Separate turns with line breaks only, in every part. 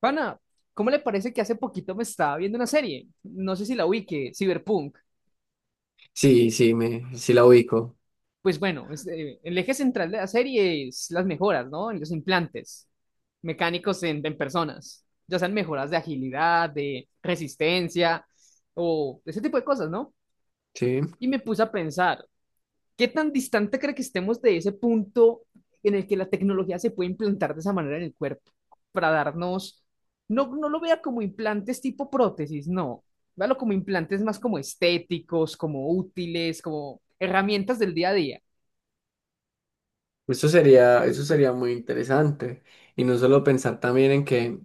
Pana, ¿cómo le parece que hace poquito me estaba viendo una serie? No sé si la ubique, Cyberpunk.
Sí, sí, la ubico.
Pues bueno, el eje central de la serie es las mejoras, ¿no? En los implantes mecánicos en personas, ya sean mejoras de agilidad, de resistencia o ese tipo de cosas, ¿no?
Sí.
Y me puse a pensar, ¿qué tan distante cree que estemos de ese punto en el que la tecnología se puede implantar de esa manera en el cuerpo para darnos, no lo vea como implantes tipo prótesis, no, véalo como implantes más como estéticos, como útiles, como herramientas del día a día.
Eso sería muy interesante. Y no solo pensar también en que,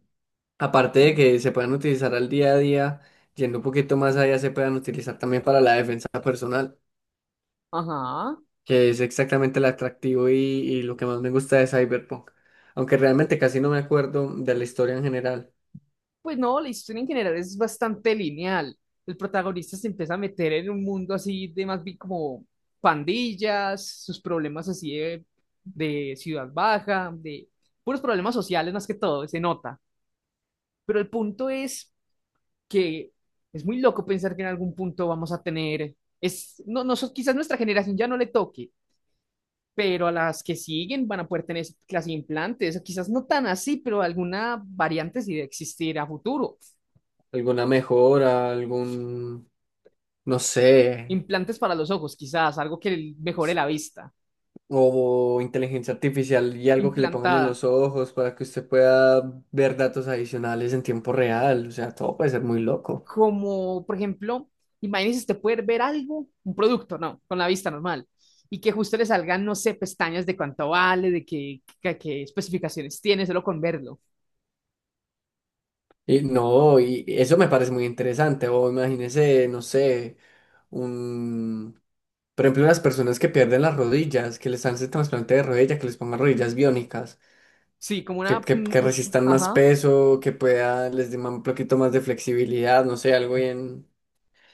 aparte de que se puedan utilizar al día a día, yendo un poquito más allá, se puedan utilizar también para la defensa personal,
Ajá.
que es exactamente el atractivo y lo que más me gusta de Cyberpunk. Aunque realmente casi no me acuerdo de la historia en general.
Pues no, la historia en general es bastante lineal. El protagonista se empieza a meter en un mundo así de más bien como pandillas, sus problemas así de ciudad baja, de puros problemas sociales más que todo, se nota. Pero el punto es que es muy loco pensar que en algún punto vamos a tener, es, no, no, so, quizás nuestra generación ya no le toque, pero a las que siguen van a poder tener esa clase de implantes, o quizás no tan así, pero alguna variante sí de existir a futuro.
¿Alguna mejora? ¿Algún, no sé?
Implantes para los ojos, quizás, algo que mejore la vista,
O inteligencia artificial y algo que le pongan en
implantada,
los ojos para que usted pueda ver datos adicionales en tiempo real. O sea, todo puede ser muy loco.
como por ejemplo, imagínese usted poder ver algo, un producto, no, con la vista normal, y que justo le salgan, no sé, pestañas de cuánto vale, de qué especificaciones tiene, solo con verlo.
Y no, y eso me parece muy interesante. O imagínese, no sé, un, por ejemplo, las personas que pierden las rodillas, que les hacen trasplante de rodilla, que les pongan rodillas biónicas,
Sí, como
que,
una,
que, que resistan más
ajá,
peso, que pueda, les den un poquito más de flexibilidad, no sé, algo bien,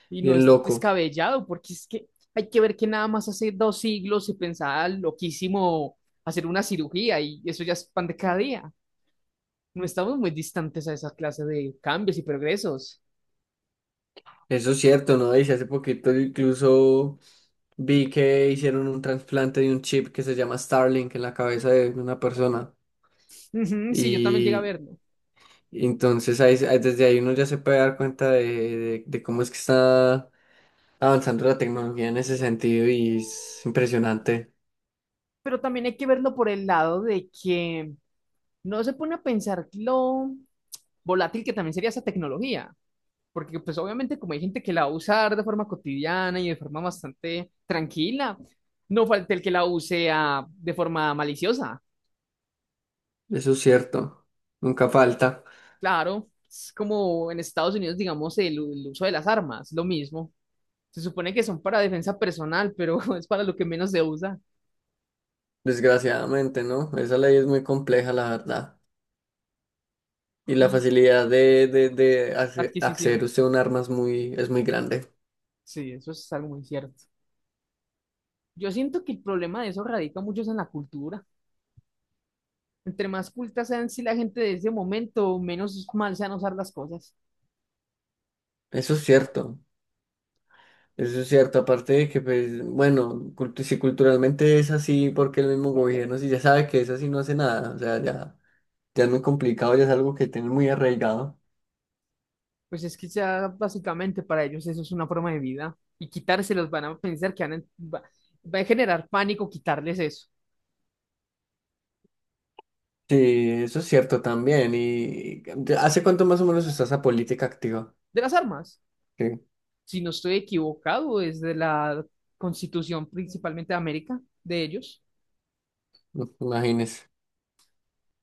y no
bien
es
loco.
descabellado, porque es que hay que ver que nada más hace dos siglos se pensaba loquísimo hacer una cirugía y eso ya es pan de cada día. No estamos muy distantes a esa clase de cambios y progresos.
Eso es cierto, ¿no? Dice hace poquito incluso vi que hicieron un trasplante de un chip que se llama Starlink en la cabeza de una persona.
Ujú, sí, yo también llegué a
Y
verlo.
entonces desde ahí uno ya se puede dar cuenta de cómo es que está avanzando la tecnología en ese sentido y es impresionante.
Pero también hay que verlo por el lado de que no se pone a pensar lo volátil que también sería esa tecnología. Porque pues obviamente como hay gente que la va a usar de forma cotidiana y de forma bastante tranquila, no falta el que la use de forma maliciosa.
Eso es cierto. Nunca falta.
Claro, es como en Estados Unidos, digamos, el uso de las armas, lo mismo. Se supone que son para defensa personal, pero es para lo que menos se usa
Desgraciadamente, ¿no? Esa ley es muy compleja, la verdad. Y la
y
facilidad de
adquisición.
acceder usted a un arma es muy grande.
Sí, eso es algo muy cierto. Yo siento que el problema de eso radica mucho en la cultura. Entre más cultas sean si la gente de ese momento, menos mal sean usar las cosas.
Eso es cierto. Eso es cierto, aparte de que, pues, bueno, si culturalmente es así, porque el mismo gobierno, si ya sabe que es así, no hace nada, o sea, ya, ya es muy complicado, ya es algo que tiene muy arraigado.
Pues es que ya básicamente para ellos eso es una forma de vida. Y quitárselos van a pensar que va, va a generar pánico quitarles eso.
Sí, eso es cierto también. ¿Y hace cuánto más o menos está esa política activa?
De las armas,
Sí,
si no estoy equivocado, desde la constitución principalmente de América, de ellos.
no, imagínese,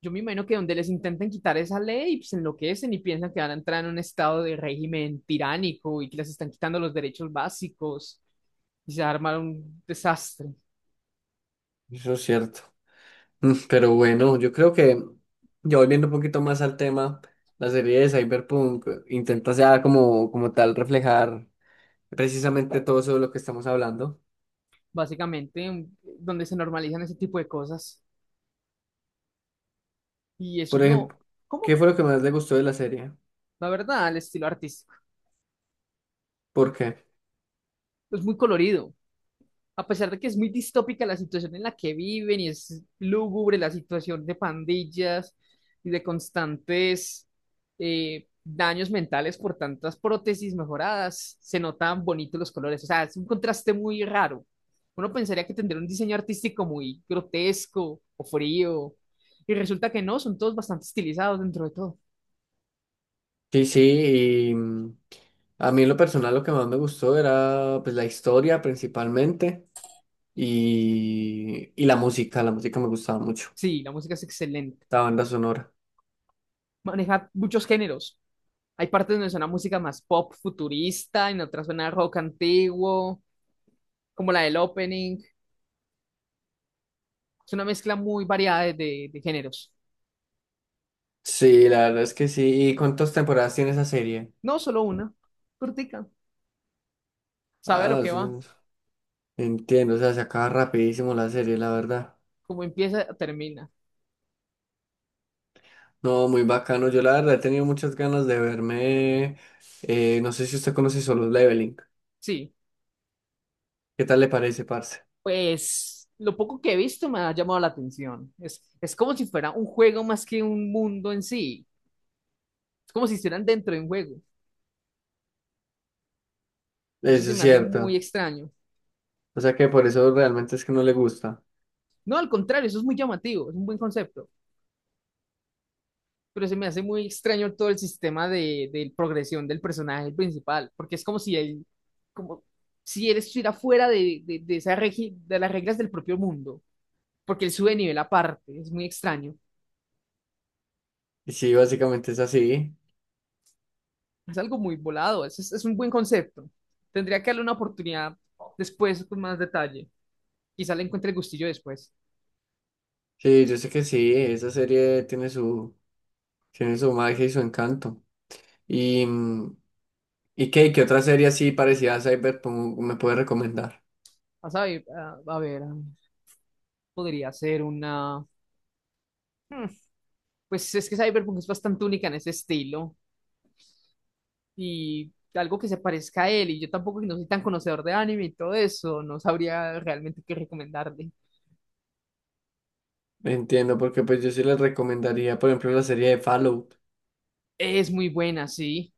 Yo me imagino que donde les intenten quitar esa ley, pues enloquecen y piensan que van a entrar en un estado de régimen tiránico y que les están quitando los derechos básicos y se arma un desastre,
eso es cierto. Mm, pero bueno, yo creo que, ya volviendo un poquito más al tema, la serie de Cyberpunk intenta ya como, como tal reflejar precisamente todo eso de lo que estamos hablando.
básicamente, donde se normalizan ese tipo de cosas. Y eso
Por
es no,
ejemplo, ¿qué
¿cómo?
fue lo que más le gustó de la serie?
La verdad, el estilo artístico.
¿Por qué?
Es muy colorido. A pesar de que es muy distópica la situación en la que viven y es lúgubre la situación de pandillas y de constantes daños mentales por tantas prótesis mejoradas, se notan bonitos los colores. O sea, es un contraste muy raro. Uno pensaría que tendría un diseño artístico muy grotesco o frío, y resulta que no, son todos bastante estilizados dentro de todo.
Sí, sí, y mm, a mí en lo personal lo que más me gustó era pues la historia principalmente y la música me gustaba mucho,
Sí, la música es excelente.
la banda sonora.
Maneja muchos géneros. Hay partes donde suena música más pop futurista, en otras suena rock antiguo, como la del opening. Es una mezcla muy variada de géneros.
Sí, la verdad es que sí. ¿Y cuántas temporadas tiene esa serie?
No solo una, cortica. Sabe a lo
Ah,
que
es
va,
un- Entiendo, o sea, se acaba rapidísimo la serie, la verdad.
como empieza, termina.
No, muy bacano. Yo la verdad he tenido muchas ganas de verme, no sé si usted conoce Solo Leveling.
Sí,
¿Qué tal le parece, parce?
pues lo poco que he visto me ha llamado la atención. Es como si fuera un juego más que un mundo en sí. Es como si estuvieran dentro de un juego. Y eso
Eso
se
es
me hace muy
cierto.
extraño.
O sea que por eso realmente es que no le gusta.
No, al contrario, eso es muy llamativo, es un buen concepto. Pero se me hace muy extraño todo el sistema de progresión del personaje principal, porque es como si él estuviera fuera de esa de las reglas del propio mundo, porque él sube de nivel aparte, es muy extraño,
Y sí, básicamente es así.
es algo muy volado, es un buen concepto. Tendría que darle una oportunidad después con más detalle, quizá le encuentre el gustillo después.
Sí, yo sé que sí, esa serie tiene su magia y su encanto. Y, mm, ¿y qué, qué otra serie así parecida a Cyberpunk me puede recomendar?
A, saber, a ver, a- Podría ser una... hmm, Pues es que Cyberpunk es bastante única en ese estilo. Y algo que se parezca a él. Y yo tampoco que no soy tan conocedor de anime y todo eso, no sabría realmente qué recomendarle.
Entiendo, porque pues yo sí les recomendaría, por ejemplo, la serie de Fallout.
Es muy buena, sí.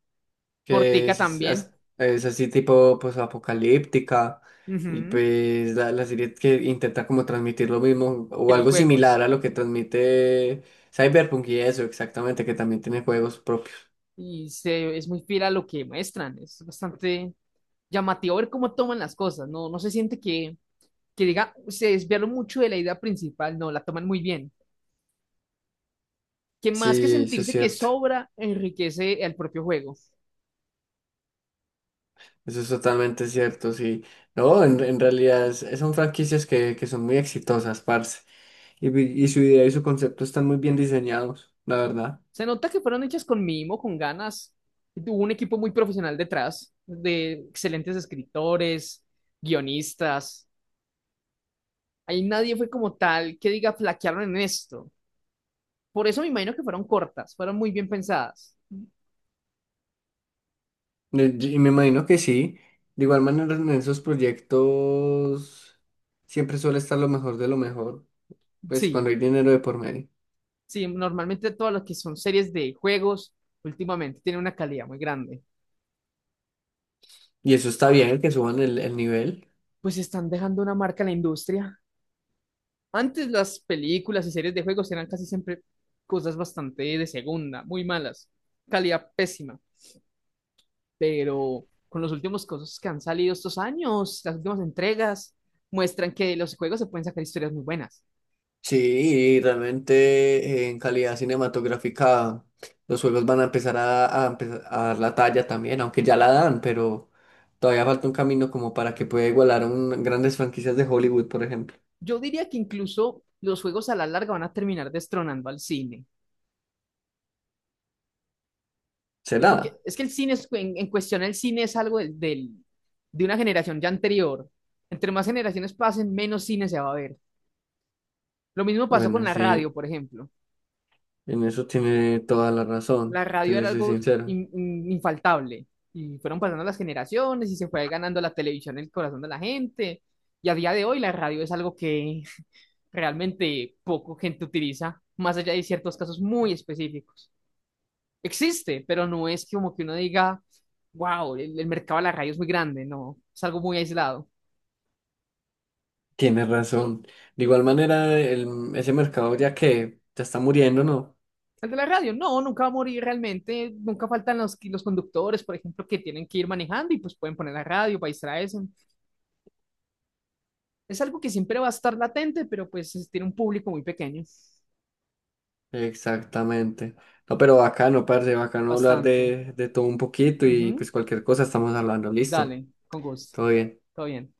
Que
Cortica
es,
también.
es así tipo pues apocalíptica y
Ujú.
pues la serie que intenta como transmitir lo mismo
Que
o
los
algo
juegos.
similar a lo que transmite Cyberpunk y eso exactamente que también tiene juegos propios.
Es muy fiel a lo que muestran. Es bastante llamativo ver cómo toman las cosas. No, no se siente que diga, se desviaron mucho de la idea principal. No, la toman muy bien. Que más que
Sí, eso es
sentirse que
cierto,
sobra, enriquece el propio juego.
eso es totalmente cierto, sí. No, en realidad son franquicias que son muy exitosas, parce. Y, y su idea y su concepto están muy bien diseñados, la verdad.
Se nota que fueron hechas con mimo, con ganas. Y tuvo un equipo muy profesional detrás, de excelentes escritores, guionistas. Ahí nadie fue como tal que diga flaquearon en esto. Por eso me imagino que fueron cortas, fueron muy bien pensadas.
Y me imagino que sí. De igual manera, en esos proyectos siempre suele estar lo mejor de lo mejor, pues cuando
Sí,
hay dinero de por medio.
sí, normalmente todas las que son series de juegos últimamente tienen una calidad muy grande.
Y eso está bien, que suban el nivel.
Pues están dejando una marca en la industria. Antes las películas y series de juegos eran casi siempre cosas bastante de segunda, muy malas, calidad pésima. Pero con los últimos cosas que han salido estos años, las últimas entregas, muestran que de los juegos se pueden sacar historias muy buenas.
Sí, y realmente en calidad cinematográfica los juegos van a empezar a empezar a dar la talla también, aunque ya la dan, pero todavía falta un camino como para que pueda igualar a grandes franquicias de Hollywood, por ejemplo.
Yo diría que incluso los juegos a la larga van a terminar destronando al cine, porque
¿Será?
es que en cuestión el cine es algo de una generación ya anterior. Entre más generaciones pasen, menos cine se va a ver. Lo mismo pasó con
Bueno,
la radio,
sí,
por ejemplo.
en eso tiene toda la
La
razón, te
radio
le
era
soy
algo
sincero.
infaltable. Y fueron pasando las generaciones y se fue ganando la televisión el corazón de la gente. Y a día de hoy la radio es algo que realmente poco gente utiliza, más allá de ciertos casos muy específicos. Existe, pero no es como que uno diga, wow, el mercado de la radio es muy grande, no, es algo muy aislado.
Tienes razón. De igual manera, ese mercado ya que ya está muriendo, ¿no?
El de la radio, no, nunca va a morir realmente, nunca faltan los conductores, por ejemplo, que tienen que ir manejando y pues pueden poner la radio para distraerse. Es algo que siempre va a estar latente, pero pues tiene un público muy pequeño,
Exactamente. No, pero bacano, parce, bacano hablar
bastante.
de todo un poquito y
Ujú.
pues cualquier cosa estamos hablando. Listo.
Dale, con gusto.
Todo bien.
Todo bien.